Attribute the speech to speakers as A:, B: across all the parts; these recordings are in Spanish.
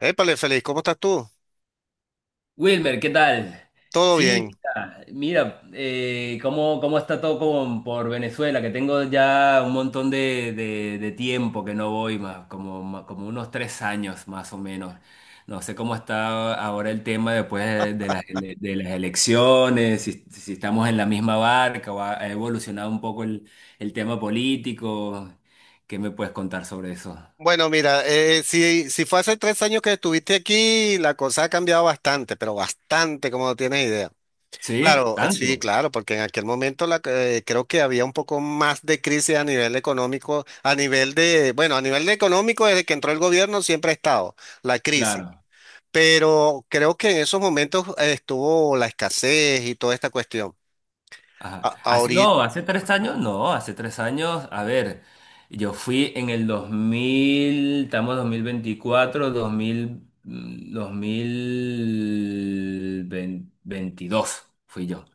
A: Épale, feliz, ¿cómo estás tú?
B: Wilmer, ¿qué tal?
A: Todo
B: Sí,
A: bien.
B: mira, mira, cómo está todo por Venezuela, que tengo ya un montón de tiempo que no voy más, como, como unos 3 años más o menos. No sé cómo está ahora el tema después de las, de las elecciones, si estamos en la misma barca o ha evolucionado un poco el tema político. ¿Qué me puedes contar sobre eso?
A: Bueno, mira, si fue hace 3 años que estuviste aquí, la cosa ha cambiado bastante, pero bastante, como no tienes idea.
B: ¿Sí?
A: Claro, sí,
B: ¿Tanto?
A: claro, porque en aquel momento creo que había un poco más de crisis a nivel económico, bueno, a nivel de económico, desde que entró el gobierno siempre ha estado la crisis,
B: Claro.
A: pero creo que en esos momentos estuvo la escasez y toda esta cuestión.
B: Ajá. Hace-
A: Ahorita
B: no, hace 3 años, no, hace tres años, a ver, yo fui en el 2000, estamos 2024, 2000, 2022 fui yo.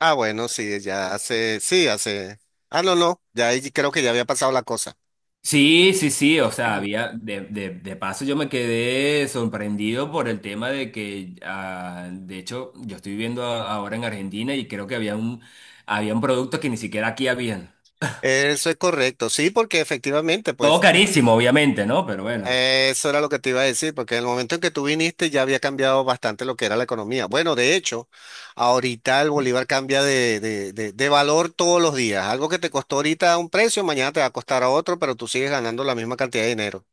A: Ah, bueno, sí, ya hace, sí, hace. Ah, no, no, ya ahí creo que ya había pasado la cosa.
B: Sí, sí, sí, o sea, había, de paso yo me quedé sorprendido por el tema de que, ah, de hecho, yo estoy viviendo ahora en Argentina y creo que había un producto que ni siquiera aquí habían.
A: Eso es correcto, sí, porque efectivamente,
B: Todo
A: pues,
B: carísimo, obviamente, ¿no? Pero bueno.
A: eso era lo que te iba a decir, porque en el momento en que tú viniste ya había cambiado bastante lo que era la economía. Bueno, de hecho, ahorita el bolívar cambia de valor todos los días. Algo que te costó ahorita a un precio, mañana te va a costar a otro, pero tú sigues ganando la misma cantidad de dinero.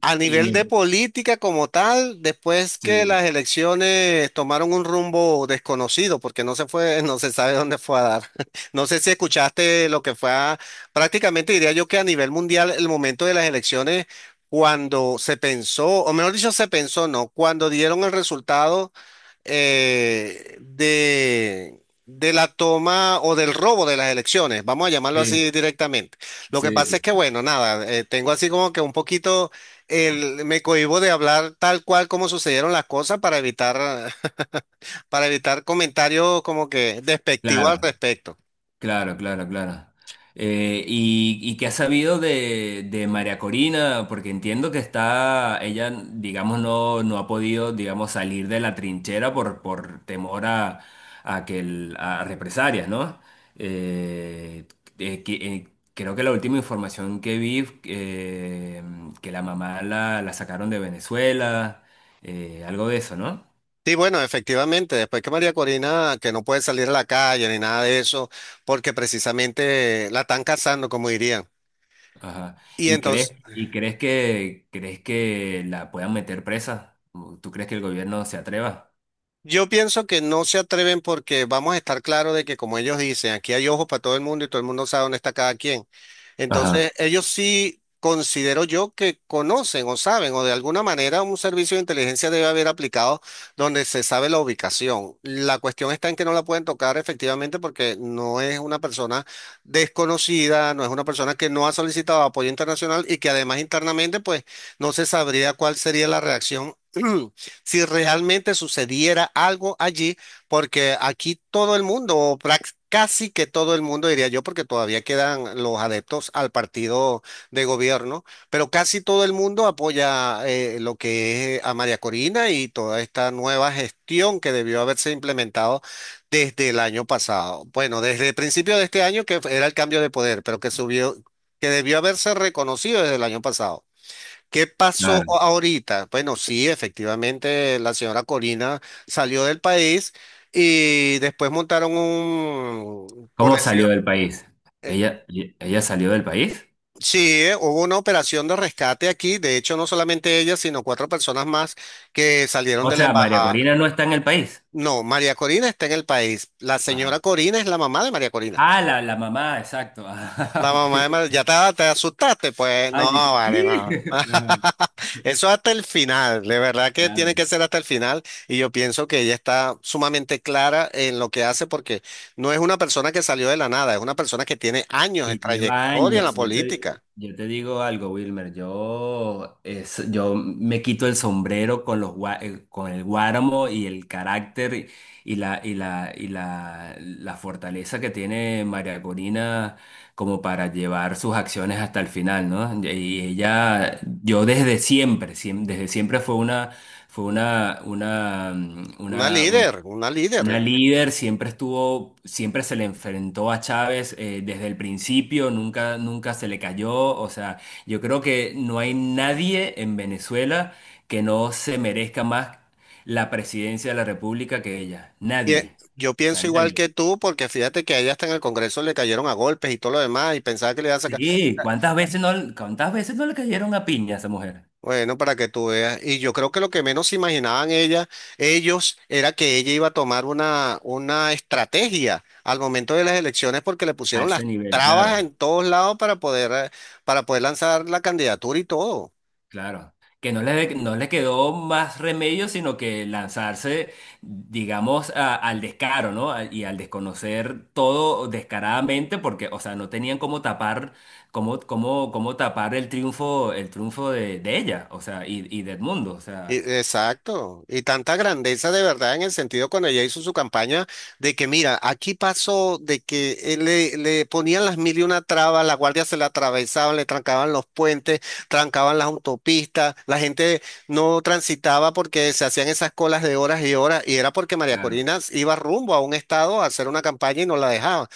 A: A
B: Y
A: nivel de
B: le-
A: política como tal, después que
B: sí.
A: las elecciones tomaron un rumbo desconocido, porque no se fue, no se sabe dónde fue a dar. No sé si escuchaste lo que fue a- Prácticamente diría yo que a nivel mundial el momento de las elecciones, cuando se pensó, o mejor dicho, se pensó, no, cuando dieron el resultado de la toma o del robo de las elecciones, vamos a llamarlo
B: Sí,
A: así directamente. Lo que
B: sí,
A: pasa
B: sí.
A: es que, bueno, nada, tengo así como que un poquito, me cohíbo de hablar tal cual como sucedieron las cosas para evitar, para evitar comentarios como que despectivos al
B: Claro,
A: respecto.
B: claro, claro, claro. ¿Y qué has sabido de María Corina? Porque entiendo que está, ella, digamos, no ha podido, digamos, salir de la trinchera por temor a represalias, ¿no? Eh, eh, que- eh, creo que la última información que vi, que la mamá la sacaron de Venezuela, algo de eso, ¿no?
A: Sí, bueno, efectivamente, después que María Corina, que no puede salir a la calle ni nada de eso, porque precisamente la están cazando, como dirían.
B: Ajá.
A: Y
B: ¿Y crees,
A: entonces.
B: y crees que la puedan meter presa? ¿Tú crees que el gobierno se atreva?
A: Yo pienso que no se atreven porque vamos a estar claro de que como ellos dicen, aquí hay ojos para todo el mundo y todo el mundo sabe dónde está cada quien.
B: Ajá,
A: Entonces, ellos sí considero yo que conocen o saben o de alguna manera un servicio de inteligencia debe haber aplicado donde se sabe la ubicación. La cuestión está en que no la pueden tocar efectivamente porque no es una persona desconocida, no es una persona que no ha solicitado apoyo internacional y que además internamente pues no se sabría cuál sería la reacción. Si realmente sucediera algo allí, porque aquí todo el mundo, o casi que todo el mundo, diría yo, porque todavía quedan los adeptos al partido de gobierno, pero casi todo el mundo apoya lo que es a María Corina y toda esta nueva gestión que debió haberse implementado desde el año pasado. Bueno, desde el principio de este año, que era el cambio de poder, pero que subió, que debió haberse reconocido desde el año pasado. ¿Qué pasó
B: claro.
A: ahorita? Bueno, sí, efectivamente, la señora Corina salió del país y después montaron un, por
B: ¿Cómo
A: decir,
B: salió del país?
A: eh,
B: ¿Ella, ella salió del país?
A: sí, hubo una operación de rescate aquí. De hecho, no solamente ella, sino cuatro personas más que salieron
B: O
A: de la
B: sea, María Corina
A: embajada.
B: no está en el país.
A: No, María Corina está en el país. La
B: Ajá.
A: señora Corina es la mamá de María Corina.
B: Ah, la mamá, exacto. Ajá,
A: La
B: ok.
A: mamá de Mar- Ya te asustaste, pues no,
B: Ay, ¿qué?
A: vale, no.
B: Ajá,
A: Eso hasta el final, de verdad que tiene
B: claro.
A: que ser hasta el final y yo pienso que ella está sumamente clara en lo que hace porque no es una persona que salió de la nada, es una persona que tiene años de
B: Que lleva
A: trayectoria en la
B: años. Yo te,
A: política,
B: yo te digo algo, Wilmer. Yo me quito el sombrero con con el Guáramo y el carácter y la fortaleza que tiene María Corina como para llevar sus acciones hasta el final, ¿no? Y ella, yo desde siempre, siem- desde siempre fue
A: una
B: una, una
A: líder, una
B: una
A: líder.
B: líder, siempre estuvo, siempre se le enfrentó a Chávez, desde el principio, nunca, nunca se le cayó. O sea, yo creo que no hay nadie en Venezuela que no se merezca más la presidencia de la República que ella.
A: Y
B: Nadie.
A: yo
B: O sea,
A: pienso igual
B: nadie.
A: que tú porque fíjate que a ella hasta en el Congreso le cayeron a golpes y todo lo demás y pensaba que le iban a sacar.
B: Sí, ¿cuántas veces no le cayeron a piña a esa mujer?
A: Bueno, para que tú veas. Y yo creo que lo que menos se imaginaban ella, ellos era que ella iba a tomar una estrategia al momento de las elecciones porque le
B: A
A: pusieron
B: ese
A: las
B: nivel, claro.
A: trabas en todos lados para poder lanzar la candidatura y todo.
B: Claro, que no le quedó más remedio sino que lanzarse, digamos, al descaro, ¿no? Y al desconocer todo descaradamente, porque, o sea, no tenían cómo tapar, cómo tapar el triunfo de ella, o sea, y de Edmundo, o sea,
A: Exacto, y tanta grandeza de verdad en el sentido cuando ella hizo su campaña de que mira, aquí pasó de que le ponían las mil y una trabas, la guardia se la atravesaban, le trancaban los puentes, trancaban las autopistas, la gente no transitaba porque se hacían esas colas de horas y horas y era porque María
B: claro.
A: Corina iba rumbo a un estado a hacer una campaña y no la dejaba.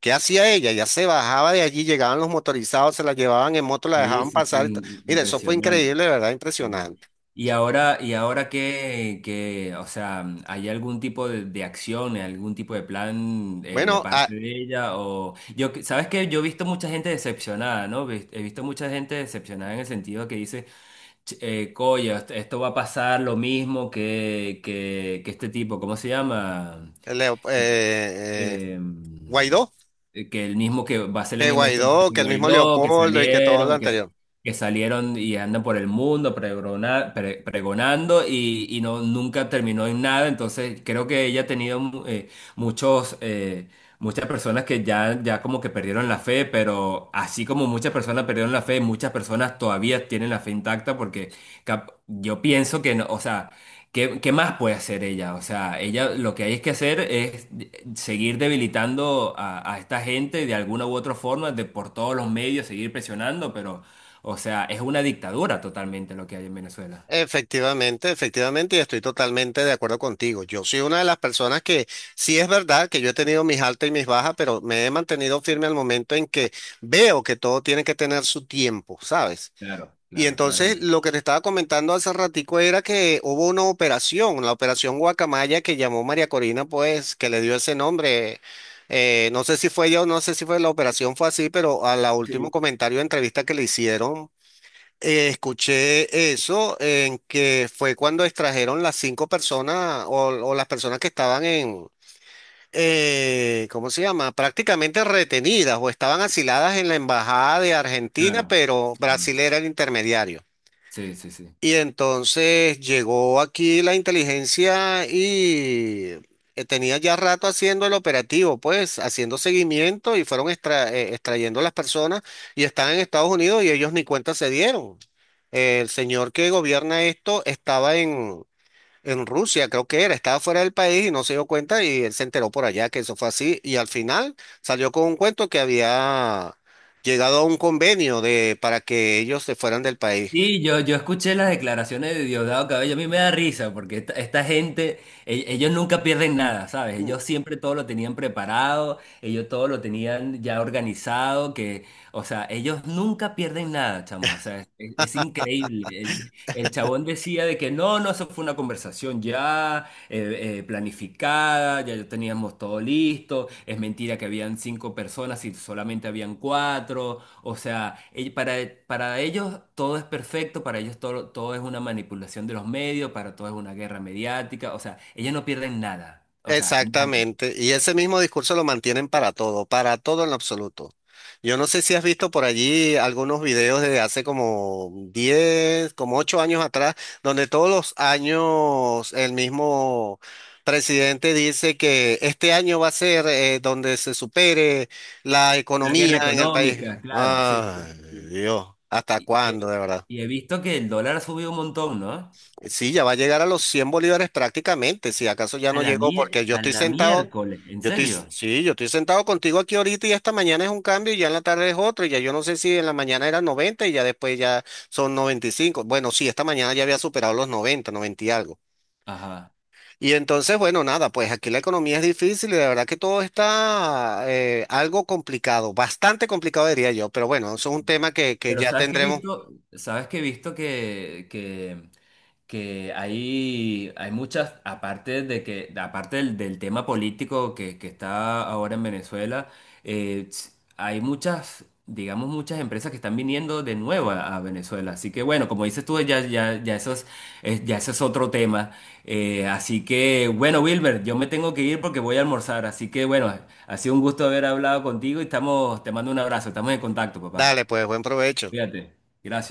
A: ¿Qué hacía ella? Ya se bajaba de allí, llegaban los motorizados, se la llevaban en moto, la
B: Sí,
A: dejaban
B: sí,
A: pasar.
B: sí,
A: Mira, eso fue
B: impresionante.
A: increíble, de verdad,
B: Sí. Sí.
A: impresionante.
B: Y ahora que, o sea, ¿hay algún tipo de acción, algún tipo de plan, de
A: Bueno,
B: parte de ella? O yo, sabes que yo he visto mucha gente decepcionada, ¿no? He visto mucha gente decepcionada en el sentido que dice, Coño, esto va a pasar lo mismo que, que este tipo, ¿cómo se llama?
A: Leo- eh, eh,
B: em,
A: Guaidó,
B: que el mismo que va a ser la misma historia de
A: Que el mismo
B: Guaidó, que
A: Leopoldo y que todo lo
B: salieron,
A: anterior.
B: que salieron y andan por el mundo pregonando y no, nunca terminó en nada. Entonces creo que ella ha tenido muchos, eh, muchas personas que ya como que perdieron la fe, pero así como muchas personas perdieron la fe, muchas personas todavía tienen la fe intacta porque yo pienso que no, o sea... ¿Qué más puede hacer ella? O sea, ella lo que hay es que hacer es seguir debilitando a esta gente de alguna u otra forma, de por todos los medios, seguir presionando, pero, o sea, es una dictadura totalmente lo que hay en Venezuela.
A: Efectivamente, efectivamente, y estoy totalmente de acuerdo contigo. Yo soy una de las personas que sí es verdad que yo he tenido mis altas y mis bajas, pero me he mantenido firme al momento en que veo que todo tiene que tener su tiempo, ¿sabes?
B: Claro,
A: Y
B: claro, claro,
A: entonces lo que te estaba comentando hace ratico era que hubo una operación, la operación Guacamaya que llamó María Corina, pues, que le dio ese nombre. No sé si fue ella o no sé si fue la operación, fue así, pero a la último comentario de entrevista que le hicieron, escuché eso, en que fue cuando extrajeron las cinco personas o las personas que estaban en, ¿cómo se llama? Prácticamente retenidas o estaban asiladas en la embajada de Argentina,
B: claro.
A: pero Brasil
B: Ajá.
A: era el intermediario.
B: Sí, sí, sí.
A: Y entonces llegó aquí la inteligencia y tenía ya rato haciendo el operativo, pues haciendo seguimiento y fueron extrayendo las personas y están en Estados Unidos y ellos ni cuenta se dieron. El señor que gobierna esto estaba en Rusia, creo que era, estaba fuera del país y no se dio cuenta y él se enteró por allá que eso fue así y al final salió con un cuento que había llegado a un convenio de, para que ellos se fueran del país.
B: Sí, yo escuché las declaraciones de Diosdado Cabello, a mí me da risa porque esta gente, ellos nunca pierden nada, ¿sabes? Ellos siempre todo lo tenían preparado, ellos todo lo tenían ya organizado, que, o sea, ellos nunca pierden nada, chamo, o sea, es increíble. El chabón decía de que no, no, eso fue una conversación ya, planificada, ya teníamos todo listo, es mentira que habían cinco personas y solamente habían cuatro. O sea, para ellos todo es perfecto, para ellos todo, es una manipulación de los medios, para todo es una guerra mediática, o sea, ellos no pierden nada, o sea, nada.
A: Exactamente, y ese mismo discurso lo mantienen para todo en lo absoluto. Yo no sé si has visto por allí algunos videos de hace como 10, como 8 años atrás, donde todos los años el mismo presidente dice que este año va a ser donde se supere la
B: La guerra
A: economía en el país.
B: económica, claro, sí. Sí,
A: Ay,
B: sí.
A: Dios, ¿hasta
B: Y, y he
A: cuándo, de verdad?
B: y he visto que el dólar ha subido un montón, ¿no?
A: Sí, ya va a llegar a los 100 bolívares prácticamente, si acaso ya
B: A
A: no
B: la,
A: llegó, porque yo
B: a
A: estoy
B: la
A: sentado,
B: miércoles, ¿en
A: yo estoy,
B: serio?
A: sí, yo estoy sentado contigo aquí ahorita y esta mañana es un cambio y ya en la tarde es otro, y ya yo no sé si en la mañana era 90 y ya después ya son 95. Bueno, sí, esta mañana ya había superado los 90, 90 y algo.
B: Ajá.
A: Y entonces, bueno, nada, pues aquí la economía es difícil y de verdad que todo está algo complicado, bastante complicado diría yo, pero bueno, eso es un tema que,
B: Pero
A: ya
B: sabes que he
A: tendremos.
B: visto, sabes que he visto que hay, muchas, aparte de que, aparte del tema político que está ahora en Venezuela, hay muchas, digamos, muchas empresas que están viniendo de nuevo a Venezuela. Así que bueno, como dices tú, ya, ya, ya eso es, ya eso es otro tema. Así que bueno, Wilber, yo me tengo que ir porque voy a almorzar. Así que bueno, ha sido un gusto haber hablado contigo y estamos, te mando un abrazo, estamos en contacto, papá.
A: Dale, pues, buen provecho.
B: Fíjate. Gracias.